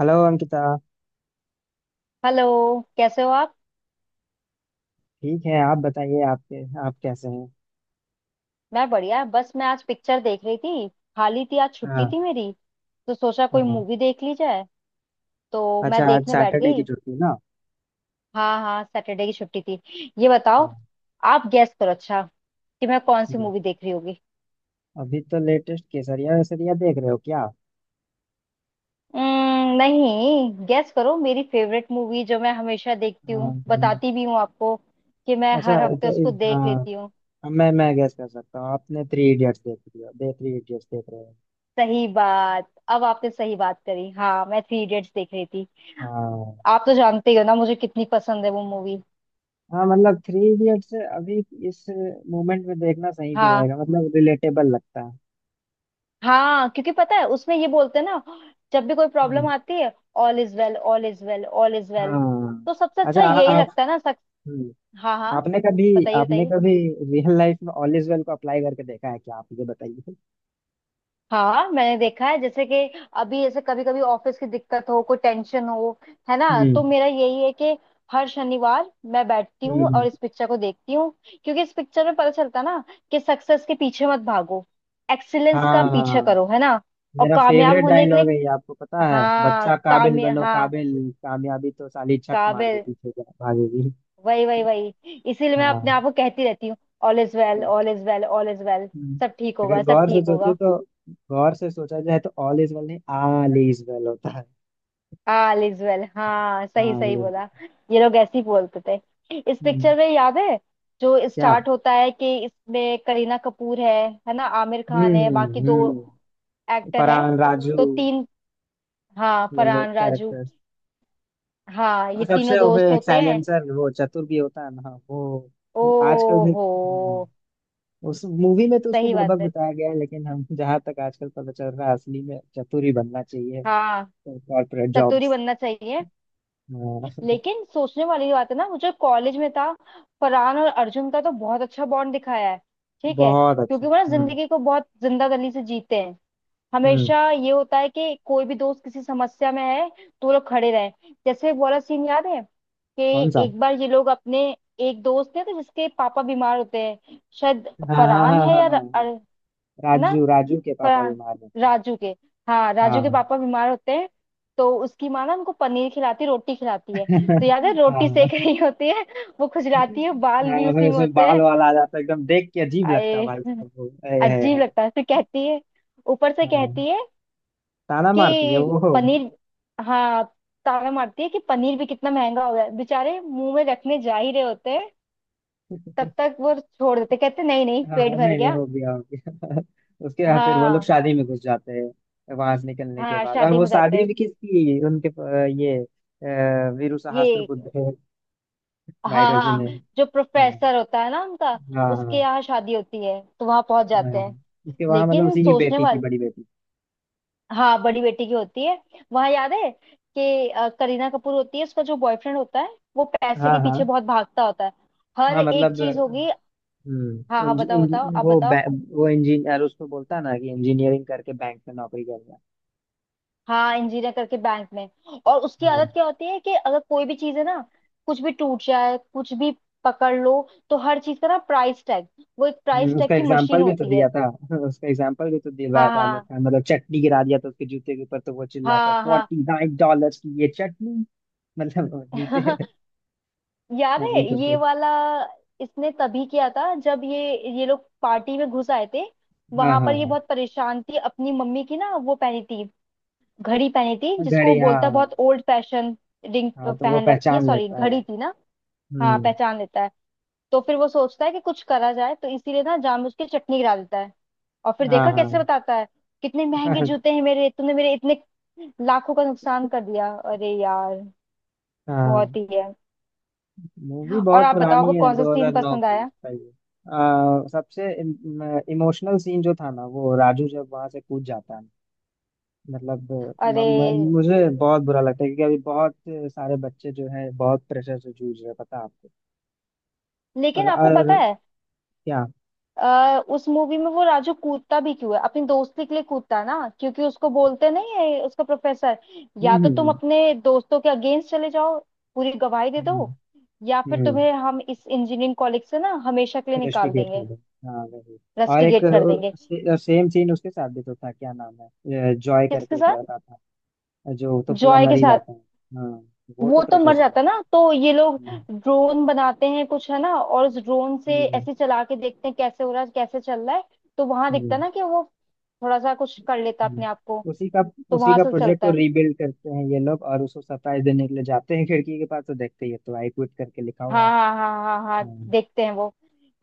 Hello Ankita. Hello. कैसे हो आप? ठीक है, आप बताइए, आपके आप कैसे हैं? मैं बढ़िया, बस मैं आज पिक्चर देख रही थी। खाली थी, आज छुट्टी हाँ, थी मेरी, तो सोचा कोई हाँ। मूवी देख ली जाए, तो मैं अच्छा, आज देखने बैठ सैटरडे की गई। छुट्टी ना? हाँ हाँ, सैटरडे की छुट्टी थी। ये बताओ हाँ। आप गैस करो, अच्छा, कि मैं कौन सी हम्म। मूवी देख रही होगी। अभी तो लेटेस्ट केसरिया वेसरिया देख रहे हो क्या? नहीं, गैस करो मेरी फेवरेट मूवी जो मैं हमेशा देखती हाँ, हूँ, बताती भी हूँ आपको, कि मैं अच्छा, हर हफ्ते तो उसको देख हाँ, लेती हूँ। अब मैं गेस कर सकता हूँ, आपने थ्री इडियट्स देख रही हो दे थ्री इडियट्स देख रहे हो? सही बात, अब आपने सही बात करी। हाँ, मैं थ्री इडियट्स देख रही। हाँ। आप तो जानते ही हो ना मुझे कितनी पसंद है वो मूवी। हाँ मतलब थ्री इडियट्स अभी इस मोमेंट में देखना सही भी हाँ रहेगा, मतलब रिलेटेबल लगता है। हाँ, क्योंकि पता है उसमें ये बोलते हैं ना, जब भी कोई प्रॉब्लम हम्म। आती है, all is well all is well all is well. हाँ। तो सबसे अच्छा। अच्छा यही आप। लगता है ना सक... हम्म। हाँ हाँ, आपने कभी बताइए आपने बताइए। कभी रियल लाइफ में ऑल इज वेल को अप्लाई करके देखा है क्या? आप ये बताइए। हाँ, मैंने देखा है। जैसे कि अभी ऐसे कभी कभी ऑफिस की दिक्कत हो, कोई टेंशन हो, है ना, तो हम्म, मेरा यही है कि हर शनिवार मैं बैठती हूँ हम्म। और इस पिक्चर को देखती हूँ। क्योंकि इस पिक्चर में पता चलता ना कि सक्सेस के पीछे मत भागो, एक्सीलेंस का हाँ। पीछे करो, है ना। और मेरा कामयाब फेवरेट होने के लिए, डायलॉग है ये, आपको पता है, हाँ बच्चा काबिल कामया बनो हाँ, काबिल। कामयाबी तो साली छक मार के काबिल। पीछे भागेगी। वही वही वही, इसीलिए मैं अपने हाँ। आप को कहती रहती हूँ all is well all is well all is well. हम्म। सब ठीक अगर होगा, सब गौर से ठीक सोचे होगा। तो, गौर से सोचा जाए तो ऑल इज वेल नहीं, ऑल इज वेल होता है। हाँ लिज्वेल, हाँ सही ऑल सही इज। बोला। ये लोग ऐसे ही बोलते थे इस हम्म। पिक्चर में, याद है। जो क्या? स्टार्ट होता है कि इसमें करीना कपूर है ना, आमिर खान है, हम्म, बाकी दो हम्म। एक्टर है। फरहान, राजू। तो तीन, हाँ ये लोग फरहान राजू। कैरेक्टर। हाँ, ये और सबसे तीनों वो भी दोस्त एक होते हैं। साइलेंसर, वो चतुर भी होता है ना वो। ओ आजकल भी। हो। हम्म। उस मूवी में तो उसको सही बात बुड़बक है। बताया गया है, लेकिन हम जहां तक आजकल पता चल रहा है, असली में चतुर ही बनना चाहिए। हाँ, कॉर्पोरेट चतुरी जॉब्स। बनना चाहिए। हाँ। लेकिन सोचने वाली बात है ना, मुझे कॉलेज में था फरहान और अर्जुन का तो बहुत अच्छा बॉन्ड दिखाया है। ठीक है, बहुत अच्छा। क्योंकि वो ना हम्म। जिंदगी को बहुत जिंदा दिली से जीते हैं। हम्म। हमेशा ये होता है कि कोई भी दोस्त किसी समस्या में है तो वो लोग खड़े रहे। जैसे वो वाला सीन याद है कि कौन सा? एक बार ये लोग अपने एक दोस्त थे, तो जिसके पापा बीमार होते हैं शायद। हाँ, हाँ, हाँ, फरहान है हाँ, या हाँ, हाँ। है ना, राजू, राजू के पापा फरहान। बीमार रहते हैं। राजू के, हाँ राजू के हाँ। पापा बीमार होते हैं। तो उसकी माँ ना उनको पनीर खिलाती, रोटी खिलाती है। तो याद है रोटी हाँ। सेक रही होती है, वो खुजलाती है, बाल भी हाँ, फिर उसी में उसमें होते बाल हैं। वाल आ जाता है, एकदम देख के अजीब लगता है आए, भाई साहब। वो है, है, अजीब है। लगता है। फिर कहती है, ऊपर से हाँ, कहती है ताना मारती है कि वो। पनीर, हाँ ताना मारती है कि पनीर भी कितना महंगा हो गया है। बेचारे मुंह में रखने जा ही रहे होते हैं, तब तक वो छोड़ देते, कहते नहीं नहीं हाँ, पेट भर नहीं नहीं, गया। हो गया, हो गया। उसके बाद फिर वो लोग हाँ शादी में घुस जाते हैं, वहां से निकलने के हाँ, बाद। और शादी वो में जाते शादी हैं भी किसकी है? उनके अ, ये अ, वीरू सहस्त्र ये। बुद्ध है। हाँ वायरस जी ने। हाँ, हाँ, जो प्रोफेसर होता है ना उनका, उसके हाँ, यहाँ शादी होती है, तो वहां पहुंच हाँ, जाते हाँ। हैं। उसके वहां मतलब लेकिन उसी की सोचने बेटी की, वाले, बड़ी बेटी। हाँ बड़ी बेटी की होती है। वहां याद है कि करीना कपूर होती है, उसका जो बॉयफ्रेंड होता है वो पैसे हाँ, के पीछे हाँ। बहुत भागता होता है। हर हाँ एक मतलब चीज होगी। हाँ हाँ, इंज, बताओ इंज, बताओ, आप वो बताओ। बै- वो इंजीनियर, उसको बोलता है ना कि इंजीनियरिंग करके बैंक में नौकरी कर रहा है। हाँ, इंजीनियर करके बैंक में। और उसकी हाँ। आदत क्या होती है कि अगर कोई भी चीज है ना, कुछ भी टूट जाए, कुछ भी पकड़ लो, तो हर चीज का ना प्राइस टैग, वो एक प्राइस टैग उसका की एग्जाम्पल मशीन भी तो होती है। दिया था, उसका एग्जाम्पल भी तो दिलवाया हाँ था आमिर हाँ खान। मतलब चटनी गिरा दिया था उसके जूते के ऊपर, तो वो चिल्ला था हाँ हाँ। $49 की ये चटनी। मतलब वो जूते। याद ऐसे है ही कुछ ये कुछ। वाला? इसने तभी किया था जब ये लोग पार्टी में घुस आए थे। हाँ, वहां पर ये हाँ। बहुत परेशान थी अपनी मम्मी की ना, वो पहनी थी, घड़ी पहनी थी हाँ, जिसको वो घड़ी, हाँ, बोलता है हाँ। बहुत ओल्ड फैशन। रिंग हाँ, तो वो पहन रखी है, पहचान सॉरी लेता है। घड़ी थी ना। हाँ हम्म। पहचान लेता है। तो फिर वो सोचता है कि कुछ करा जाए, तो इसीलिए ना जामुन की चटनी गिरा देता है। और फिर हाँ, देखा हाँ। कैसे बताता है कितने महंगे जूते हैं मेरे, तुमने मेरे इतने लाखों का नुकसान कर दिया। अरे यार हाँ। बहुत ही है। मूवी और बहुत आप बताओ, पुरानी आपको है, कौन सा सीन 2009 पसंद की, आया? सही है। सबसे इमोशनल सीन जो था ना, वो राजू जब वहां से कूद जाता है। मतलब म, अरे म, मुझे बहुत बुरा लगता है, क्योंकि अभी बहुत सारे बच्चे जो हैं बहुत प्रेशर से जूझ रहे हैं, पता है आपको। लेकिन और। आपको और पता है, क्या? उस मूवी में वो राजू कूदता भी क्यों है? अपनी दोस्ती के लिए कूदता है ना, क्योंकि उसको बोलते नहीं है उसका प्रोफेसर, या हम्म, तो तुम हम्म, अपने दोस्तों के अगेंस्ट चले जाओ, पूरी गवाही दे दो, हम्म, या फिर हम्म। तुम्हें हम इस इंजीनियरिंग कॉलेज से ना हमेशा के लिए निकाल इन्वेस्टिगेट कर देंगे, दो। हाँ, वही। और एक रस्टिकेट कर देंगे। सेम सीन उसके साथ भी तो था, क्या नाम है, जॉय किसके करके एक साथ? लड़का था, जो तो पूरा जॉय मर के ही साथ। जाता है। हाँ। वो तो वो तो प्रेशर मर से जाता है मरता ना, तो ये लोग है। हम्म, ड्रोन बनाते हैं कुछ, है ना, और उस ड्रोन से हम्म, ऐसे चला के देखते हैं कैसे हो रहा है, कैसे चल रहा है। तो वहां दिखता है हम्म, ना कि वो थोड़ा सा कुछ कर लेता है हम्म। अपने आप को, उसी का। तो उसी वहां का से प्रोजेक्ट चलता और है। रीबिल्ड करते हैं ये लोग, और उसको सरप्राइज देने के लिए जाते हैं खिड़की के पास, तो देखते ही है तो आई क्विट करके लिखा हाँ हुआ है। हाँ हाँ हाँ हाँ, हम्म, देखते हैं वो।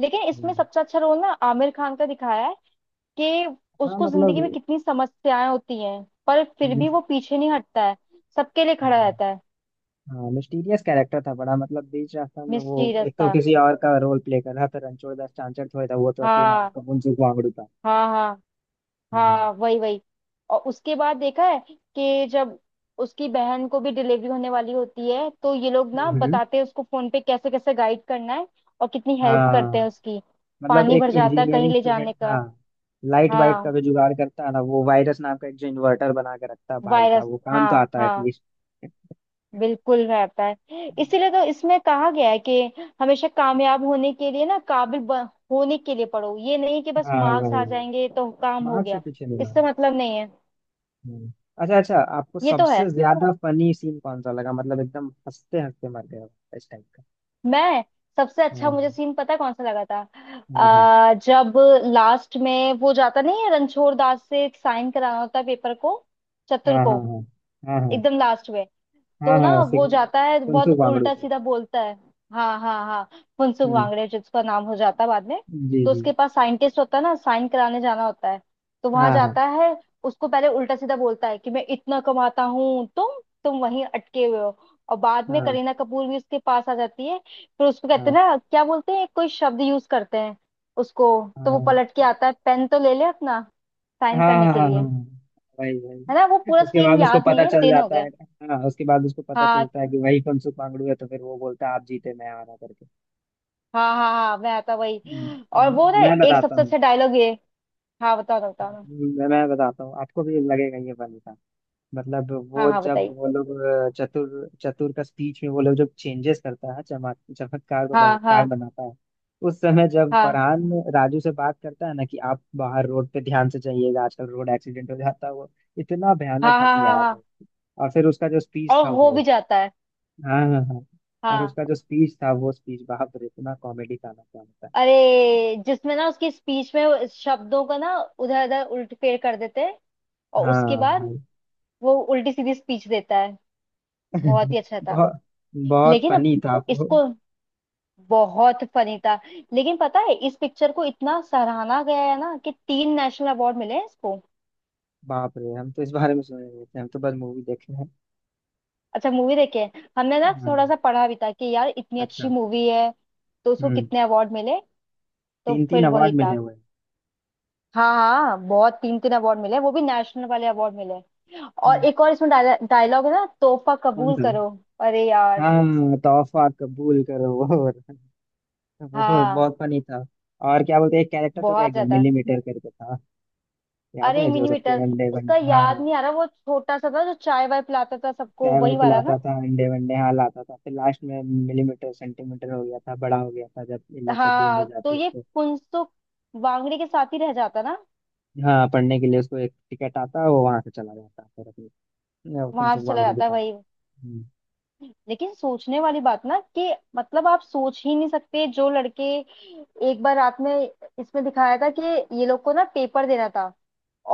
लेकिन इसमें हम्म। सबसे अच्छा रोल ना आमिर खान का दिखाया है कि हाँ उसको जिंदगी मतलब में कितनी समस्याएं होती हैं, पर फिर भी मिस- वो पीछे नहीं हटता है, सबके लिए खड़ा हाँ, रहता है। हाँ, मिस्टीरियस कैरेक्टर था बड़ा, मतलब बीच रास्ता में वो मिस्टीरियस एक तो था। किसी और का रोल प्ले कर रहा था, रणछोड़ दास चांचर थोड़े था वो, तो असली नाम हाँ उसका मुंसुक वांगड़ू था। हाँ हाँ हाँ। हाँ, वही वही। और उसके बाद देखा है कि जब उसकी बहन को भी डिलीवरी होने वाली होती है, तो ये लोग ना हम्म। बताते हैं उसको फोन पे कैसे कैसे गाइड करना है, और कितनी हेल्प करते हाँ हैं उसकी। मतलब पानी एक भर जाता है, कहीं इंजीनियरिंग ले स्टूडेंट। जाने का। हाँ, लाइट वाइट का हाँ, जो जुगाड़ करता है ना वो, वायरस नाम का एक जो इन्वर्टर बना के रखता है भाई वायरस। साहब, वो काम तो हाँ आता है हाँ, एटलीस्ट। बिल्कुल रहता है। इसीलिए तो इसमें कहा गया है कि हमेशा कामयाब होने के लिए ना, काबिल होने के लिए पढ़ो, ये नहीं कि बस हाँ, मार्क्स वही आ वही। जाएंगे तो काम हो मार्क्स से गया, पीछे नहीं इससे मारे। मतलब नहीं है। हम्म। अच्छा, अच्छा, आपको ये तो है। सबसे ज्यादा फनी सीन कौन सा लगा, मतलब एकदम हंसते हंसते मर गए हो इस टाइप का? मैं सबसे अच्छा, हाँ, मुझे सीन पता है कौन सा लगा था। हाँ, जब लास्ट में वो जाता नहीं है, रणछोड़ दास से साइन कराना होता है पेपर को, चतुर हाँ, को, हाँ, हाँ, हाँ, हाँ, हाँ, एकदम लास्ट में। हाँ, तो हाँ, ना ऐसे वो ही। जाता है, फुनसुक बहुत वांगड़ू उल्टा से। सीधा बोलता है। हाँ हाँ हाँ, फुनसुक हम्म। वांगड़े जिसका नाम हो जाता है बाद में। जी, तो जी। उसके पास साइंटिस्ट होता है ना, साइन कराने जाना होता है, तो वहां हाँ, हाँ, जाता है। उसको पहले उल्टा सीधा बोलता है कि मैं इतना कमाता हूँ, तुम वहीं अटके हुए हो। और बाद में हाँ, करीना कपूर भी उसके पास आ जाती है, फिर उसको कहते हाँ, हैं ना, क्या बोलते हैं कोई शब्द यूज करते हैं उसको, तो वो हाँ, पलट के आता है, पेन तो ले ले अपना, साइन हाँ, करने हाँ, के हाँ, हाँ, लिए। वही है ना, वो वही। पूरा उसके सीन बाद उसको याद नहीं पता है, चल दिन हो जाता गए। है। हाँ, उसके बाद उसको पता हाँ चलता है कि वही फुनसुक मांगड़ू है, तो फिर वो बोलता है आप जीते मैं हारा करके। हाँ हाँ हाँ, मैं आता वही। हम्म। और अब वो ना मैं एक बताता सबसे हूँ। अच्छा डायलॉग ये, हाँ बताओ ना बताओ ना। मैं बताता हूँ, आपको भी लगेगा ये फनी था। मतलब हाँ वो हाँ, जब बताइए। वो लोग, चतुर, चतुर का स्पीच में वो लोग जब चेंजेस करता है, चमक चमत्कार को हाँ बलात्कार हाँ बनाता है। उस समय जब हाँ फरहान राजू से बात करता है ना, कि आप बाहर रोड पे ध्यान से जाइएगा, आजकल रोड एक्सीडेंट हो जाता है वो, इतना भयानक हाँ हाँ हंसी हाँ आया था। हाँ, और फिर उसका जो स्पीच और था हो भी वो। जाता है। हाँ, हाँ, हाँ। और हाँ। उसका जो स्पीच था, वो स्पीच, बाप रे, इतना कॉमेडी का ना क्या होता है। अरे, जिसमें ना उसकी स्पीच में वो शब्दों का ना उधर उधर उल्ट फेर कर देते हैं, और उसके हाँ बाद भाई। वो उल्टी सीधी स्पीच देता है, बहुत ही अच्छा था। बहुत, बहुत लेकिन अब फनी था वो। इसको बहुत फनी था। लेकिन पता है, इस पिक्चर को इतना सराहा गया है ना, कि तीन नेशनल अवार्ड मिले हैं इसको। बाप रे, हम तो इस बारे में सुने नहीं थे, हम तो बस मूवी देखे। अच्छा, मूवी देखे हैं हमने ना, थोड़ा हाँ। सा पढ़ा भी था कि यार इतनी अच्छी अच्छा। मूवी है, तो उसको हम्म। कितने अवार्ड मिले? तो तीन तीन फिर वही अवार्ड मिले था। हुए हैं। हाँ हाँ, बहुत, तीन तीन अवार्ड मिले, वो भी नेशनल वाले अवार्ड मिले। और हम्म। एक और इसमें डायलॉग है ना, तोहफा कौन कबूल सा? करो। अरे यार हाँ, तोहफा कबूल करो, वो हाँ, बहुत फनी था। और क्या बोलते हैं, एक कैरेक्टर तो रह बहुत गया, ज्यादा। मिलीमीटर करके था, याद अरे है जो सबके मिनीमीटर, अंडे उसका वनडे? याद हाँ, नहीं आ रहा, वो छोटा सा था जो चाय वाय पिलाता था सबको, चाय वाय वही वाला पिलाता ना। था, अंडे वनडे हाँ लाता था, फिर लास्ट में मिलीमीटर सेंटीमीटर हो गया था, बड़ा हो गया था जब इन लोग सब हाँ, ढूंढने तो जाते ये उसको। फुनसुक वांगड़ी के साथ ही रह जाता ना, हाँ, पढ़ने के लिए उसको एक टिकट आता, वो वहां से चला जाता, फिर अपने वहां से फुनसुक चला वांगड़ू के जाता है पास। वही। हम्म। लेकिन सोचने वाली बात ना, कि मतलब आप सोच ही नहीं सकते जो लड़के, एक बार रात में इसमें दिखाया था कि ये लोग को ना पेपर देना था,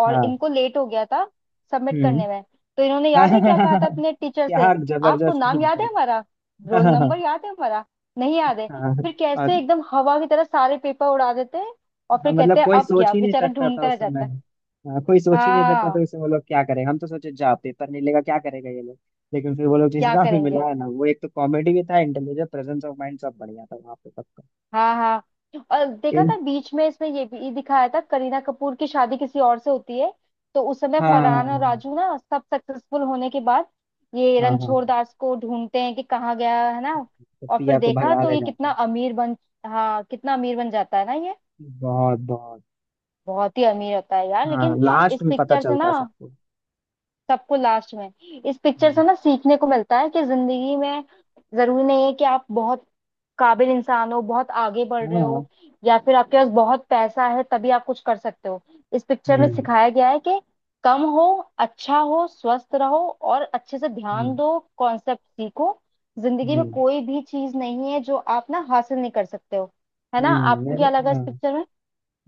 और हाँ। इनको लेट हो गया था सबमिट हम्म। करने में। तो इन्होंने याद है क्या कहा था अपने टीचर से? क्या आपको जबरदस्त नाम सीन याद था! है हमारा? रोल हाँ, हाँ, नंबर याद है हमारा? नहीं याद है। हाँ, हाँ, फिर कैसे और। एकदम हवा की तरह सारे पेपर उड़ा देते हैं, और हाँ फिर कहते मतलब हैं कोई अब सोच क्या, ही नहीं बेचारा सकता था ढूंढता रह उस समय। जाता है। हाँ, कोई सोच ही नहीं सकता हाँ, था, उसे वो लोग क्या करेंगे, हम तो सोचे जा पेपर नहीं लेगा क्या करेगा ये लोग। लेकिन फिर वो लोग जिस क्या हिसाब से करेंगे। मिला है ना वो, एक तो कॉमेडी भी था, इंटेलिजेंस, प्रेजेंस ऑफ माइंड, सब बढ़िया था वहाँ पे सबका। हाँ हाँ, और देखा था इन- बीच में इसमें ये भी दिखाया था, करीना कपूर की शादी किसी और से होती है। तो उस समय फरहान और हाँ, राजू ना, सब सक्सेसफुल होने के बाद ये हाँ, हाँ, रणछोड़ दास को ढूंढते हैं कि कहाँ गया है ना। तो और फिर पिया को देखा भगा तो ले ये जाते। कितना अमीर बन, हाँ कितना अमीर बन जाता है ना ये, बहुत, बहुत। बहुत ही अमीर होता है यार। हाँ, लेकिन लास्ट इस में पता पिक्चर से चलता ना है सबको। सबको, लास्ट में इस पिक्चर हम्म। से ना सीखने को मिलता है कि जिंदगी में जरूरी नहीं है कि आप बहुत काबिल इंसान हो, बहुत आगे बढ़ रहे हाँ। हो, या फिर आपके पास बहुत पैसा है तभी आप कुछ कर सकते हो। इस पिक्चर में हम्म, सिखाया गया है कि कम हो, अच्छा हो, स्वस्थ रहो, और अच्छे से ध्यान हम्म, दो, कॉन्सेप्ट सीखो। जिंदगी में हम्म। कोई भी चीज नहीं है जो आप ना हासिल नहीं कर सकते हो। है ना, आपको क्या लगा इस हाँ। पिक्चर में?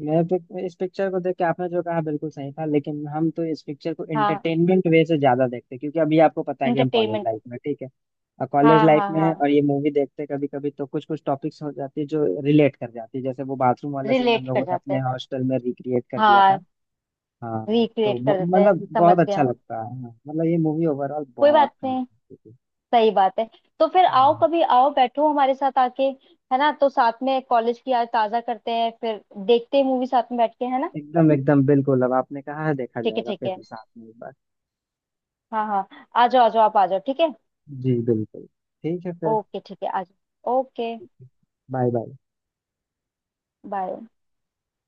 इस पिक्चर को देख के आपने जो कहा बिल्कुल सही था, लेकिन हम तो इस पिक्चर को हाँ, एंटरटेनमेंट वे से ज्यादा देखते हैं, क्योंकि अभी आपको पता है कि हम कॉलेज इंटरटेनमेंट। लाइफ में, ठीक है, और कॉलेज हाँ लाइफ हाँ में है, हाँ और हाँ, ये मूवी देखते कभी कभी, तो कुछ कुछ टॉपिक्स हो जाती है जो रिलेट कर जाती है, जैसे वो बाथरूम वाला सीन हम रिलेट कर लोगों ने जाते अपने हैं। हॉस्टल में रिक्रिएट कर दिया हाँ, था। हाँ, तो रिक्रिएट कर देते हैं, मतलब समझ बहुत अच्छा गया। लगता है, हाँ मतलब ये मूवी ओवरऑल कोई बहुत बात नहीं, fantastic है। सही बात है। तो फिर हाँ, आओ, कभी आओ, बैठो हमारे साथ आके, है ना। तो साथ में कॉलेज की याद ताजा करते हैं, फिर देखते हैं मूवी साथ में बैठ के, है ना। एकदम, एकदम बिल्कुल, अब आपने कहा है देखा ठीक है जाएगा ठीक फिर है, साथ में एक बार। हाँ हाँ, आ जाओ आ जाओ, आप आ जाओ, ठीक है। जी, बिल्कुल। ठीक है फिर। ओके ठीक है, आ जाओ, ओके। Bye bye. बाय।